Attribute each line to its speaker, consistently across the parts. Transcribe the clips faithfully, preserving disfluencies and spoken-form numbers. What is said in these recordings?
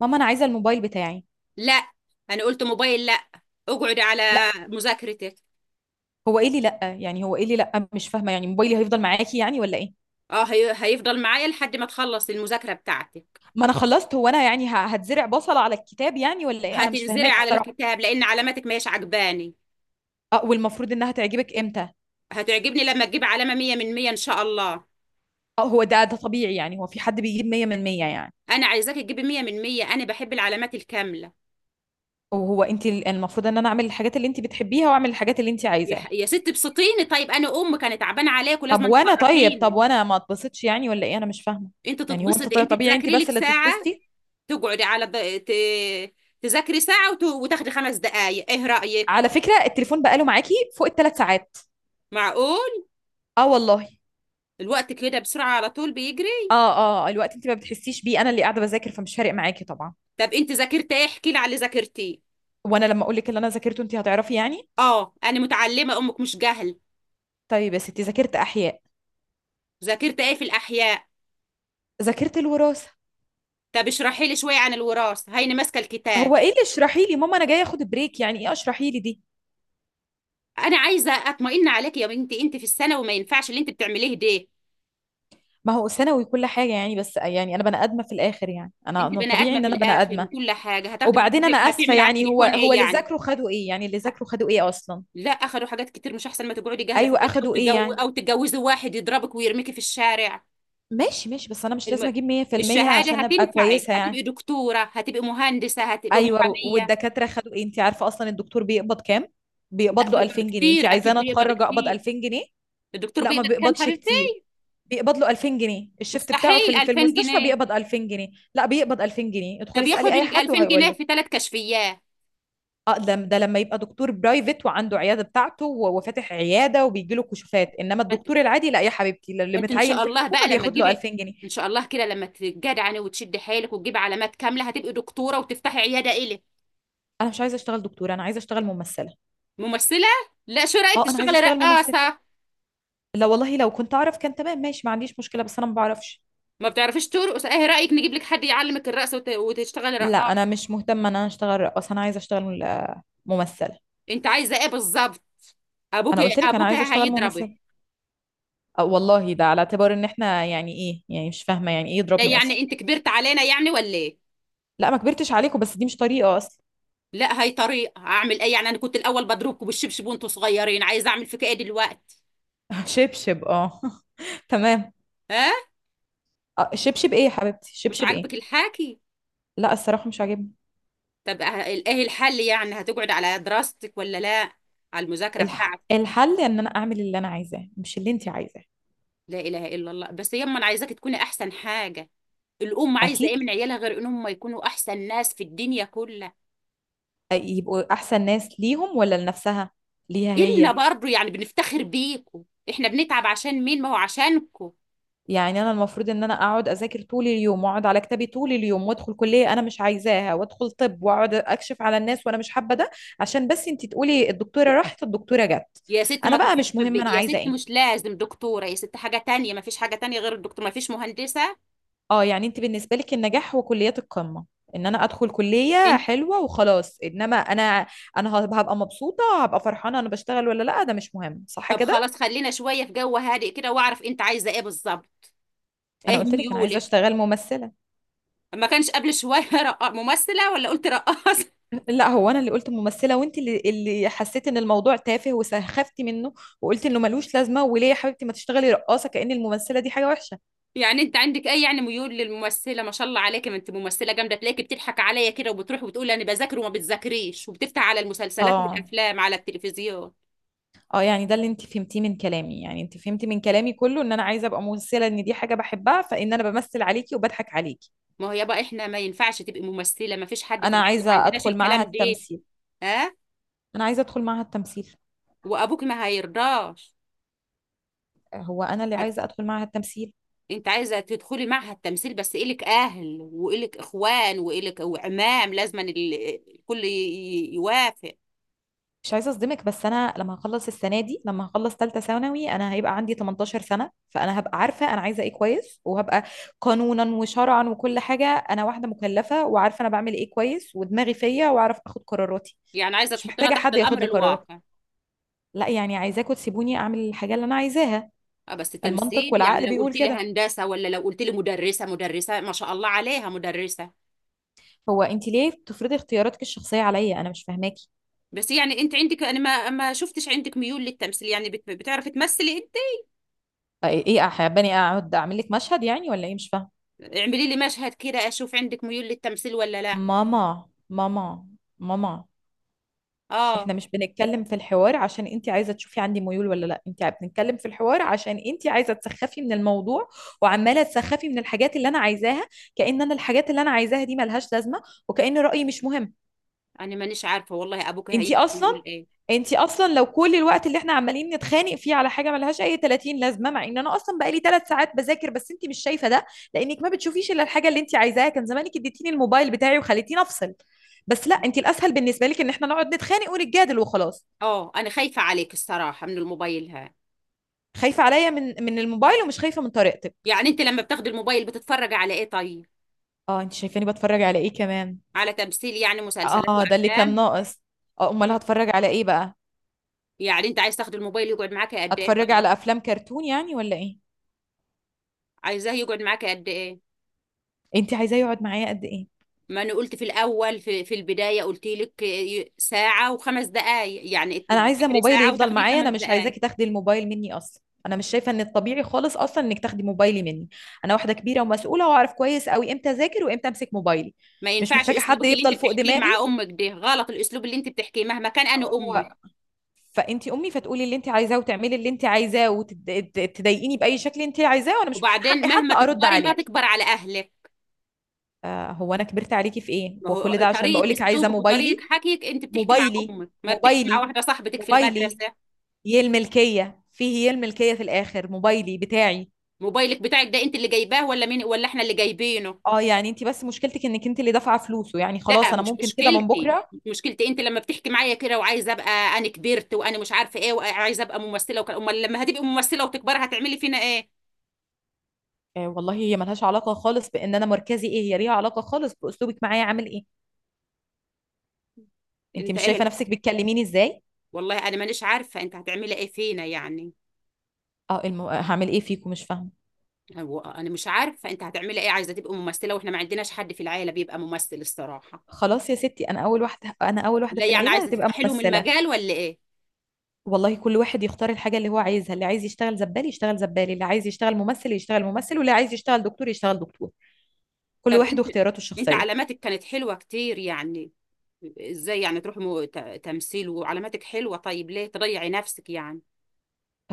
Speaker 1: ماما انا عايزه الموبايل بتاعي.
Speaker 2: لا. انا قلت موبايل لا. اقعد على
Speaker 1: لا،
Speaker 2: مذاكرتك.
Speaker 1: هو ايه اللي لا؟ يعني هو ايه اللي لا؟ مش فاهمه، يعني موبايلي هيفضل معاكي يعني ولا ايه؟
Speaker 2: اه، هي... هيفضل معايا لحد ما تخلص المذاكرة بتاعتك.
Speaker 1: ما انا خلصت، هو انا يعني ه- هتزرع بصل على الكتاب يعني ولا ايه؟ انا مش
Speaker 2: هتنزرع
Speaker 1: فاهماك
Speaker 2: على
Speaker 1: الصراحه.
Speaker 2: الكتاب لان علاماتك ما هيش عجباني.
Speaker 1: اه، والمفروض انها تعجبك امتى؟
Speaker 2: هتعجبني لما تجيب علامة مية من مية ان شاء الله.
Speaker 1: اه، هو ده ده طبيعي يعني؟ هو في حد بيجيب مية من مية يعني؟
Speaker 2: انا عايزاك تجيبي مية من مية، انا بحب العلامات الكاملة.
Speaker 1: وهو انت ال- المفروض ان انا اعمل الحاجات اللي انت بتحبيها واعمل الحاجات اللي انت
Speaker 2: يا,
Speaker 1: عايزاها؟
Speaker 2: ح- يا ست ابسطيني، طيب انا ام كانت تعبانة عليك
Speaker 1: طب
Speaker 2: ولازم
Speaker 1: وانا؟ طيب
Speaker 2: تفرحيني.
Speaker 1: طب وانا ما اتبسطش يعني ولا ايه؟ انا مش فاهمه.
Speaker 2: انت
Speaker 1: يعني هو انت؟
Speaker 2: تتبسطي،
Speaker 1: طيب
Speaker 2: انت
Speaker 1: طبيعي انت
Speaker 2: تذاكري
Speaker 1: بس
Speaker 2: لك
Speaker 1: اللي
Speaker 2: ساعة.
Speaker 1: تتبسطي؟
Speaker 2: تقعدي على ض... ت... تذاكري ساعة وت... وتاخدي خمس دقايق، ايه رأيك؟
Speaker 1: على فكره التليفون بقاله معاكي فوق الثلاث ساعات.
Speaker 2: معقول.
Speaker 1: اه والله.
Speaker 2: الوقت كده بسرعة على طول
Speaker 1: اه،
Speaker 2: بيجري.
Speaker 1: اه، آه، الوقت انت ما بتحسيش بيه، انا اللي قاعده بذاكر فمش فارق معاكي طبعا.
Speaker 2: طب انت ذاكرت ايه؟ احكي لي على اللي ذاكرتيه.
Speaker 1: وانا لما اقول لك اللي انا ذاكرته انت هتعرفي يعني؟
Speaker 2: اه، انا متعلمة، امك مش جهل.
Speaker 1: طيب يا ستي، ذاكرت احياء.
Speaker 2: ذاكرت ايه في الاحياء؟
Speaker 1: ذاكرت الوراثه.
Speaker 2: طب اشرحي لي شوية عن الوراثة، هيني ماسكة الكتاب.
Speaker 1: هو ايه اللي اشرحي لي؟ ماما انا جايه اخد بريك، يعني ايه اشرحي لي دي؟
Speaker 2: انا عايزة اطمئن عليك يا بنتي، انت في السنة وما ينفعش اللي انت بتعمليه ده.
Speaker 1: ما هو ثانوي كل حاجه يعني، بس يعني انا بني ادمه في الاخر يعني، انا
Speaker 2: انت
Speaker 1: انا
Speaker 2: بني
Speaker 1: طبيعي
Speaker 2: ادمة
Speaker 1: ان
Speaker 2: في
Speaker 1: انا بني
Speaker 2: الاخر
Speaker 1: ادمه.
Speaker 2: وكل حاجة هتاخدي،
Speaker 1: وبعدين انا
Speaker 2: بنت-
Speaker 1: اسفه،
Speaker 2: هتعمل على
Speaker 1: يعني هو
Speaker 2: التليفون
Speaker 1: هو
Speaker 2: ايه
Speaker 1: اللي
Speaker 2: يعني؟
Speaker 1: ذاكروا خدوا ايه يعني؟ اللي
Speaker 2: ه-
Speaker 1: ذاكروا خدوا ايه اصلا؟
Speaker 2: لا، اخدوا حاجات كتير، مش احسن ما تقعدي جاهلة في
Speaker 1: ايوه
Speaker 2: البيت او
Speaker 1: اخدوا ايه
Speaker 2: تجو
Speaker 1: يعني؟
Speaker 2: او تتجوزي واحد يضربك ويرميكي في الشارع؟
Speaker 1: ماشي ماشي، بس انا مش لازم
Speaker 2: الم...
Speaker 1: اجيب مية في المية
Speaker 2: الشهادة
Speaker 1: عشان ابقى
Speaker 2: هتنفعك،
Speaker 1: كويسه يعني.
Speaker 2: هتبقي دكتورة، هتبقي مهندسة، هتبقي
Speaker 1: ايوه،
Speaker 2: محامية.
Speaker 1: والدكاتره خدوا ايه؟ انت عارفه اصلا الدكتور بيقبض كام؟ بيقبض
Speaker 2: لا،
Speaker 1: له
Speaker 2: بيقبض
Speaker 1: ألفين جنيه.
Speaker 2: كتير،
Speaker 1: انت
Speaker 2: أكيد
Speaker 1: عايزاني
Speaker 2: بيقبض
Speaker 1: اتخرج اقبض
Speaker 2: كتير.
Speaker 1: ألفين جنيه؟
Speaker 2: الدكتور
Speaker 1: لا، ما
Speaker 2: بيقبض كام
Speaker 1: بيقبضش
Speaker 2: حبيبتي؟
Speaker 1: كتير. بيقبض له ألفين جنيه الشفت بتاعه،
Speaker 2: مستحيل
Speaker 1: في في
Speaker 2: 2000
Speaker 1: المستشفى
Speaker 2: جنيه
Speaker 1: بيقبض ألفين جنيه. لا، بيقبض ألفين جنيه، ادخلي
Speaker 2: طب
Speaker 1: اسالي
Speaker 2: ياخد
Speaker 1: اي
Speaker 2: ال
Speaker 1: حد
Speaker 2: 2000
Speaker 1: وهيقول
Speaker 2: جنيه
Speaker 1: لك.
Speaker 2: في ثلاث كشفيات؟
Speaker 1: اه، ده ده لما يبقى دكتور برايفت وعنده عياده بتاعته و- وفاتح عياده وبيجي له كشوفات، انما
Speaker 2: ما انت
Speaker 1: الدكتور العادي لا يا حبيبتي، اللي
Speaker 2: ما انت إن
Speaker 1: متعين
Speaker 2: شاء
Speaker 1: في
Speaker 2: الله
Speaker 1: الحكومه
Speaker 2: بقى لما
Speaker 1: بياخد له
Speaker 2: تجيبي.
Speaker 1: ألفين جنيه.
Speaker 2: إن شاء الله كده لما تتجدعني وتشدي حيلك وتجيبي علامات كاملة هتبقي دكتورة وتفتحي عيادة إلك.
Speaker 1: انا مش عايزه اشتغل دكتوره، انا عايزه اشتغل ممثله.
Speaker 2: ممثلة؟ لا، شو رأيك
Speaker 1: اه، انا عايزه
Speaker 2: تشتغلي
Speaker 1: اشتغل ممثله.
Speaker 2: رقاصة؟
Speaker 1: لا والله، لو كنت اعرف كان تمام ماشي، ما عنديش مشكلة، بس انا ما بعرفش.
Speaker 2: ما بتعرفيش ترقص، ايه رأيك نجيب لك حد يعلمك الرقص وت... وتشتغلي
Speaker 1: لا، انا
Speaker 2: رقاصة؟
Speaker 1: مش مهتمة ان انا اشتغل رقاصة، انا عايزة اشتغل آه، ممثلة.
Speaker 2: انت عايزة ايه بالظبط؟ ابوك
Speaker 1: انا قلت لك انا
Speaker 2: ابوك
Speaker 1: عايزة اشتغل
Speaker 2: هيضربك.
Speaker 1: ممثلة. أه والله، ده على اعتبار ان احنا يعني ايه؟ يعني مش فاهمة يعني ايه يضربني
Speaker 2: يعني
Speaker 1: اصلا.
Speaker 2: انت كبرت علينا يعني ولا ايه؟
Speaker 1: لا، ما كبرتش عليكم، بس دي مش طريقة اصلا.
Speaker 2: لا، هي طريقه، هعمل ايه يعني؟ انا كنت الاول بضربكم بالشبشب وانتوا صغيرين، عايزه اعمل فيك ايه دلوقتي؟
Speaker 1: شبشب اه. تمام.
Speaker 2: ها.
Speaker 1: آه، شبشب ايه يا حبيبتي؟
Speaker 2: مش
Speaker 1: شبشب ايه؟
Speaker 2: عاجبك الحاكي؟
Speaker 1: لا الصراحة مش عاجبني.
Speaker 2: طب أه- ايه الحل يعني، هتقعد على دراستك ولا لا؟ على المذاكره
Speaker 1: الح...
Speaker 2: بتاعتك.
Speaker 1: الحل ان انا اعمل اللي انا عايزاه، مش اللي انت عايزاه.
Speaker 2: لا اله الا الله، بس يما انا عايزاك تكوني احسن حاجه. الام عايزه ايه
Speaker 1: اكيد.
Speaker 2: من عيالها غير انهم يكونوا احسن ناس في الدنيا كلها؟
Speaker 1: آه، يبقوا احسن ناس ليهم ولا لنفسها؟ ليها
Speaker 2: النا
Speaker 1: هي.
Speaker 2: برضو، يعني بنفتخر بيكم. احنا بنتعب عشان مين؟ ما هو عشانكم.
Speaker 1: يعني انا المفروض ان انا اقعد اذاكر طول اليوم واقعد على كتابي طول اليوم وادخل كليه انا مش عايزاها وادخل طب واقعد اكشف على الناس وانا مش حابه ده، عشان بس انت تقولي الدكتوره راحت الدكتوره جت.
Speaker 2: يا ست
Speaker 1: انا
Speaker 2: ما
Speaker 1: بقى
Speaker 2: تروحيش،
Speaker 1: مش
Speaker 2: طب
Speaker 1: مهم انا
Speaker 2: يا
Speaker 1: عايزه
Speaker 2: ست
Speaker 1: ايه؟
Speaker 2: مش لازم دكتورة، يا ست حاجة تانية، ما فيش حاجة تانية غير الدكتور، ما فيش مهندسة.
Speaker 1: اه، يعني انت بالنسبه لك النجاح هو كليات القمه، ان انا ادخل كليه
Speaker 2: انت.
Speaker 1: حلوه وخلاص. انما انا، انا هب- هبقى مبسوطه، هبقى فرحانه انا بشتغل ولا لا، ده مش مهم صح
Speaker 2: طب
Speaker 1: كده؟
Speaker 2: خلاص، خلينا شوية في جو هادئ كده واعرف انت عايزة ايه بالظبط،
Speaker 1: انا
Speaker 2: ايه
Speaker 1: قلت لك انا عايزه
Speaker 2: ميولك؟
Speaker 1: اشتغل ممثله.
Speaker 2: ما كانش قبل شوية رقا- ممثلة ولا قلت رقاصة؟
Speaker 1: لا، هو انا اللي قلت ممثله وانت اللي اللي حسيت ان الموضوع تافه وسخفتي منه، وقلت انه ملوش لازمه، وليه يا حبيبتي ما تشتغلي رقاصه؟ كأن الممثله دي حاجه وحشه.
Speaker 2: يعني انت عندك ايه، يعني ميول للممثلة، ما شاء الله عليك، ما انت ممثلة جامدة. تلاقيكي بتضحك عليا كده، وبتروحي وبتقولي انا بذاكر وما بتذاكريش وبتفتح على المسلسلات
Speaker 1: اه.
Speaker 2: والافلام على التلفزيون.
Speaker 1: اه يعني، ده اللي انت فهمتيه من كلامي يعني؟ انت فهمتي من كلامي كله ان انا عايزه ابقى ممثله، ان دي حاجه بحبها، فان انا بمثل عليكي وبضحك عليكي.
Speaker 2: ما هو يابا احنا ما ينفعش تبقي ممثلة، ما فيش حد في
Speaker 1: انا
Speaker 2: العالم، ما
Speaker 1: عايزه
Speaker 2: عندناش
Speaker 1: ادخل معاها
Speaker 2: الكلام ده.
Speaker 1: التمثيل.
Speaker 2: ها.
Speaker 1: انا عايزه ادخل معاها التمثيل.
Speaker 2: وابوك ما هيرضاش.
Speaker 1: هو انا اللي
Speaker 2: هت...
Speaker 1: عايزه ادخل معاها التمثيل.
Speaker 2: انت عايزه تدخلي معهد تمثيل؟ بس الك اهل والك اخوان والك وعمام، لازم الكل ي- ي- يوافق.
Speaker 1: مش عايزه اصدمك، بس انا لما هخلص السنه دي، لما هخلص ثالثه ثانوي، انا هيبقى عندي تمنتاشر سنه، فانا هبقى عارفه انا عايزه ايه كويس، وهبقى قانونا وشرعا وكل حاجه انا واحده مكلفه وعارفه انا بعمل ايه كويس، ودماغي فيا واعرف اخد قراراتي.
Speaker 2: يعني عايزه
Speaker 1: مش
Speaker 2: تحطنا
Speaker 1: محتاجه
Speaker 2: تحت
Speaker 1: حد ياخد
Speaker 2: الامر
Speaker 1: لي قرارات.
Speaker 2: الواقع؟
Speaker 1: لا، يعني عايزاكم تسيبوني اعمل الحاجه اللي انا عايزاها.
Speaker 2: اه، بس
Speaker 1: المنطق
Speaker 2: تمثيل؟ يعني
Speaker 1: والعقل
Speaker 2: لو
Speaker 1: بيقول
Speaker 2: قلت لي
Speaker 1: كده.
Speaker 2: هندسه، ولا لو قلت لي مدرسه، مدرسه ما شاء الله عليها مدرسه.
Speaker 1: هو انت ليه بتفرضي اختياراتك الشخصيه عليا؟ انا مش فاهماكي.
Speaker 2: بس يعني انت عندك، انا ما ما شفتش عندك ميول للتمثيل، يعني بت... بتعرفي تمثلي انت؟
Speaker 1: ايه، حاباني اقعد اعمل لك مشهد يعني ولا ايه؟ مش فاهمه.
Speaker 2: اعملي لي مشهد كده اشوف عندك ميول للتمثيل ولا لا.
Speaker 1: ماما، ماما، ماما،
Speaker 2: اه،
Speaker 1: احنا مش بنتكلم في الحوار عشان انت عايزه تشوفي عندي ميول ولا لا، انت بنتكلم في الحوار عشان انت عايزه تسخفي من الموضوع، وعماله تسخفي من الحاجات اللي انا عايزاها، كأن انا الحاجات اللي انا عايزاها دي ملهاش لازمه، وكأن رأيي مش مهم.
Speaker 2: انا مانيش عارفه والله ابوك
Speaker 1: انت
Speaker 2: هيحكي
Speaker 1: اصلا،
Speaker 2: يقول ايه.
Speaker 1: انت اصلا لو كل الوقت اللي احنا عمالين نتخانق فيه على حاجه ملهاش اي تلاتين لازمه، مع ان انا اصلا بقالي ثلاث ساعات بذاكر بس انت مش شايفه ده، لانك ما بتشوفيش الا الحاجه اللي انت عايزاها. كان زمانك اديتيني الموبايل بتاعي وخليتيني افصل، بس لا، انت الاسهل بالنسبه لك ان احنا نقعد نتخانق ونتجادل وخلاص.
Speaker 2: اه، انا خايفة عليك الصراحة من الموبايل. ها.
Speaker 1: خايفة عليا من من الموبايل ومش خايفة من طريقتك؟
Speaker 2: يعني انت لما بتاخد الموبايل بتتفرج على ايه طيب؟
Speaker 1: اه، انت شايفاني بتفرج على ايه كمان؟
Speaker 2: على تمثيل، يعني مسلسلات
Speaker 1: اه، ده اللي كان
Speaker 2: وافلام.
Speaker 1: ناقص. اه، امال
Speaker 2: مم.
Speaker 1: هتفرج على ايه بقى؟
Speaker 2: يعني انت عايز تاخد الموبايل يقعد معاك قد ايه
Speaker 1: اتفرج
Speaker 2: طيب؟
Speaker 1: على افلام كرتون يعني ولا ايه؟
Speaker 2: عايزاه يقعد معاك قد ايه؟
Speaker 1: انت عايزاه يقعد معايا قد ايه؟
Speaker 2: ما انا قلت في الاول، في, في البداية قلت لك، ي- ساعة وخمس دقايق، يعني
Speaker 1: انا عايزة
Speaker 2: تذاكري
Speaker 1: موبايلي
Speaker 2: ساعة
Speaker 1: يفضل
Speaker 2: وتاخدي
Speaker 1: معايا،
Speaker 2: خمس
Speaker 1: انا مش
Speaker 2: دقايق
Speaker 1: عايزاكي تاخدي الموبايل مني اصلا. انا مش شايفة ان الطبيعي خالص اصلا انك تاخدي موبايلي مني، انا واحدة كبيرة ومسؤولة واعرف كويس قوي امتى اذاكر وامتى امسك موبايلي.
Speaker 2: ما
Speaker 1: مش
Speaker 2: ينفعش
Speaker 1: محتاجة حد
Speaker 2: اسلوبك اللي انت
Speaker 1: يفضل فوق
Speaker 2: بتحكيه
Speaker 1: دماغي.
Speaker 2: مع امك، ده غلط، الاسلوب اللي انت بتحكيه مهما كان انا امك.
Speaker 1: هو فانت امي فتقولي اللي انت عايزاه وتعملي اللي انت عايزاه وتضايقيني باي شكل انت عايزاه وانا مش من
Speaker 2: وبعدين
Speaker 1: حقي
Speaker 2: مهما
Speaker 1: حتى ارد
Speaker 2: تكبري ما
Speaker 1: عليكي؟
Speaker 2: تكبر على اهلك.
Speaker 1: آه، هو انا كبرت عليكي في ايه؟
Speaker 2: ما هو
Speaker 1: وكل ده عشان بقول
Speaker 2: طريقة
Speaker 1: لك عايزه
Speaker 2: أسلوبك وطريقة
Speaker 1: موبايلي؟
Speaker 2: حكيك، أنت بتحكي مع
Speaker 1: موبايلي،
Speaker 2: أمك، ما بتحكي مع
Speaker 1: موبايلي،
Speaker 2: واحدة صاحبتك في
Speaker 1: موبايلي،
Speaker 2: المدرسة.
Speaker 1: هي الملكيه فيه، هي الملكيه في الاخر موبايلي بتاعي.
Speaker 2: موبايلك بتاعك، ده أنت اللي جايباه ولا مين، ولا إحنا اللي جايبينه؟
Speaker 1: اه، يعني انت بس مشكلتك انك انت اللي دافعه فلوسه، يعني
Speaker 2: لا،
Speaker 1: خلاص انا
Speaker 2: مش
Speaker 1: ممكن كده من
Speaker 2: مشكلتي
Speaker 1: بكره.
Speaker 2: مش مشكلتي أنت لما بتحكي معايا كده وعايزة أبقى، أنا كبرت وأنا مش عارفة إيه وعايزة أبقى ممثلة وكده، أمال لما هتبقي ممثلة وتكبري هتعملي فينا إيه؟
Speaker 1: آه والله، هي ملهاش علاقه خالص بان انا مركزي ايه، هي ليها علاقه خالص باسلوبك معايا عامل ايه. انت
Speaker 2: أنت
Speaker 1: مش
Speaker 2: إيه
Speaker 1: شايفه
Speaker 2: الح-
Speaker 1: نفسك بتكلميني ازاي؟
Speaker 2: والله أنا مانيش عارفة أنت هتعملي إيه فينا يعني.
Speaker 1: اه، الم... هعمل ايه فيكم؟ مش فاهمه.
Speaker 2: هو أنا مش عارفة أنت هتعملي إيه، عايزة تبقي ممثلة وإحنا ما عندناش حد في العيلة بيبقى ممثل الصراحة.
Speaker 1: خلاص يا ستي، انا اول واحده، انا اول واحده
Speaker 2: لا،
Speaker 1: في
Speaker 2: يعني
Speaker 1: العيله
Speaker 2: عايزة
Speaker 1: هتبقى
Speaker 2: تفتحي لهم
Speaker 1: ممثله.
Speaker 2: المجال ولا إيه؟
Speaker 1: والله كل واحد يختار الحاجه اللي هو عايزها، اللي عايز يشتغل زبال يشتغل زبال، اللي عايز يشتغل ممثل يشتغل ممثل، واللي عايز يشتغل دكتور يشتغل دكتور. كل
Speaker 2: طب
Speaker 1: واحد
Speaker 2: انت،
Speaker 1: واختياراته
Speaker 2: انت
Speaker 1: الشخصيه.
Speaker 2: علاماتك كانت حلوة كتير يعني. ازاي يعني تروح مو... ت... تمثيل وعلاماتك حلوة؟ طيب ليه تضيعي نفسك يعني؟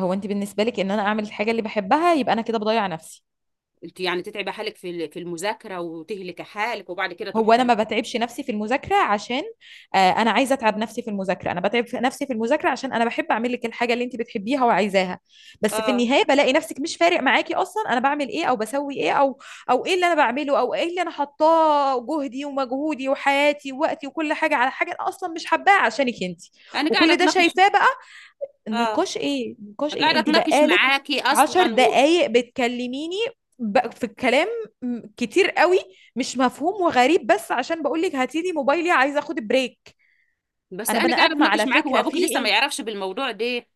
Speaker 1: هو انت بالنسبه لك ان انا اعمل الحاجه اللي بحبها يبقى انا كده بضيع نفسي؟
Speaker 2: انت يعني تتعبي حالك في ال- في المذاكرة وتهلكي حالك وبعد كده تروحي
Speaker 1: هو انا
Speaker 2: تمثيل؟
Speaker 1: ما بتعبش نفسي في المذاكره عشان، آه، انا عايزه اتعب نفسي في المذاكره؟ انا بتعب في- نفسي في المذاكره عشان انا بحب اعمل لك الحاجه اللي انت بتحبيها وعايزاها، بس في
Speaker 2: اه.
Speaker 1: النهايه بلاقي نفسك مش فارق معاكي اصلا انا بعمل ايه او بسوي ايه او، او ايه اللي انا بعمله، او ايه اللي انا حطاه جهدي ومجهودي وحياتي ووقتي وكل حاجه على حاجه انا اصلا مش حباها عشانك انت.
Speaker 2: انا قاعدة
Speaker 1: وكل ده
Speaker 2: اتناقش.
Speaker 1: شايفاه بقى.
Speaker 2: اه،
Speaker 1: نقاش ايه؟ نقاش ايه؟
Speaker 2: قاعدة
Speaker 1: انت
Speaker 2: اتناقش
Speaker 1: بقالك
Speaker 2: معاكي
Speaker 1: عشر
Speaker 2: اصلا و...
Speaker 1: دقايق بتكلميني ب- في الكلام، م- كتير قوي مش مفهوم وغريب، بس عشان بقولك هاتيلي موبايلي عايزه اخد بريك.
Speaker 2: بس
Speaker 1: انا
Speaker 2: انا
Speaker 1: بني
Speaker 2: قاعدة
Speaker 1: ادمه
Speaker 2: اتناقش
Speaker 1: على
Speaker 2: معاكي،
Speaker 1: فكره في
Speaker 2: وابوكي لسه ما
Speaker 1: ايه؟
Speaker 2: يعرفش بالموضوع ده.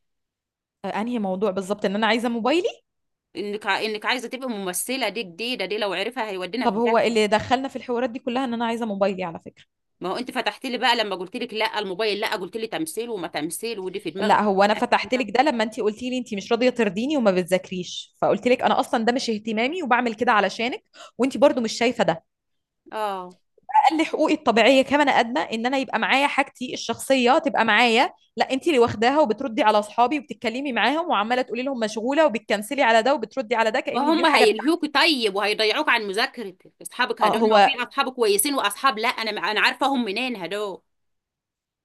Speaker 1: آه، انهي موضوع بالظبط؟ ان انا عايزه موبايلي؟
Speaker 2: انك ع- انك عايزة تبقي ممثلة دي جديدة، دي لو عرفها هيودينا
Speaker 1: طب
Speaker 2: في
Speaker 1: هو
Speaker 2: داهية.
Speaker 1: اللي دخلنا في الحوارات دي كلها ان انا عايزه موبايلي على فكره.
Speaker 2: ما هو انت فتحت لي بقى، لما قلت لك لا الموبايل لا، قلت لي تمثيل، وما تمثيل، ودي في دماغك.
Speaker 1: لا، هو انا فتحت لك ده لما انت قلتي لي انت مش راضيه ترضيني وما بتذاكريش، فقلت لك انا اصلا ده مش اهتمامي وبعمل كده علشانك، وانت برضو مش شايفه ده.
Speaker 2: اه.
Speaker 1: اقل حقوقي الطبيعيه كبني ادمه ان انا يبقى معايا حاجتي الشخصيه تبقى معايا، لا انت اللي واخداها وبتردي على اصحابي وبتتكلمي معاهم وعماله تقولي لهم مشغوله وبتكنسلي على ده وبتردي على ده
Speaker 2: ما
Speaker 1: كان دي
Speaker 2: هم
Speaker 1: الحاجه بتاعتك.
Speaker 2: هيلهوكي طيب، وهيضيعوك عن مذاكرتك، اصحابك
Speaker 1: اه
Speaker 2: هدول ما
Speaker 1: هو،
Speaker 2: في اصحاب كويسين واصحاب، لا، انا انا عارفاهم منين هدول.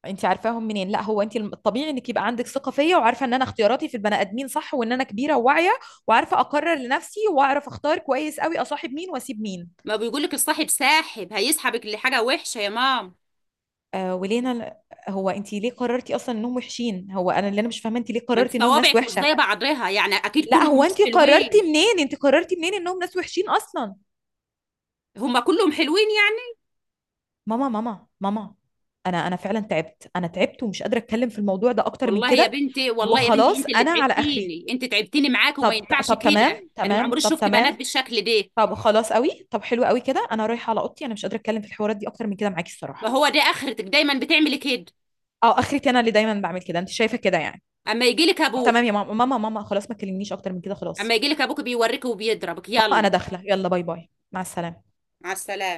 Speaker 1: انت عارفاهم منين؟ لا، هو انت الطبيعي انك يبقى عندك ثقه فيا وعارفه ان انا اختياراتي في البني ادمين صح، وان انا كبيره وواعيه وعارفه اقرر لنفسي واعرف اختار كويس قوي اصاحب مين واسيب مين.
Speaker 2: ما بيقول لك الصاحب ساحب، هيسحبك لحاجه وحشه يا مام.
Speaker 1: آه ولينا، هو انت ليه قررتي اصلا انهم وحشين؟ هو انا اللي انا مش فاهمه انت ليه
Speaker 2: ما انت
Speaker 1: قررتي انهم ناس
Speaker 2: صوابعك مش
Speaker 1: وحشه.
Speaker 2: زي بعضها، يعني اكيد
Speaker 1: لا،
Speaker 2: كلهم
Speaker 1: هو
Speaker 2: مش
Speaker 1: انت قررتي
Speaker 2: حلوين.
Speaker 1: منين؟ انت قررتي منين انهم ناس وحشين اصلا؟
Speaker 2: هم كلهم حلوين يعني؟
Speaker 1: ماما، ماما، ماما، انا انا فعلا تعبت، انا تعبت ومش قادره اتكلم في الموضوع ده اكتر من
Speaker 2: والله يا
Speaker 1: كده.
Speaker 2: بنتي، والله يا بنتي
Speaker 1: وخلاص
Speaker 2: انت اللي
Speaker 1: انا على اخري.
Speaker 2: تعبتيني، انت تعبتيني معاك،
Speaker 1: طب،
Speaker 2: وما ينفعش
Speaker 1: طب
Speaker 2: كده،
Speaker 1: تمام
Speaker 2: انا ما
Speaker 1: تمام،
Speaker 2: عمري
Speaker 1: طب
Speaker 2: شفت بنات
Speaker 1: تمام.
Speaker 2: بالشكل ده.
Speaker 1: طب خلاص قوي طب حلو قوي كده، انا رايحه على اوضتي، انا مش قادره اتكلم في الحوارات دي اكتر من كده معاكي
Speaker 2: ما
Speaker 1: الصراحه.
Speaker 2: هو ده اخرتك، دايما بتعملي كده.
Speaker 1: اه، اخرتي انا اللي دايما بعمل كده؟ انت شايفه كده يعني؟
Speaker 2: اما يجي لك
Speaker 1: طب
Speaker 2: ابوك.
Speaker 1: تمام يا ماما، ماما، ماما، خلاص ما تكلمنيش اكتر من كده،
Speaker 2: اما
Speaker 1: خلاص.
Speaker 2: يجي لك ابوك بيوريك وبيضربك،
Speaker 1: ماما انا
Speaker 2: يلا.
Speaker 1: داخله، يلا باي باي، مع السلامه.
Speaker 2: مع السلامه.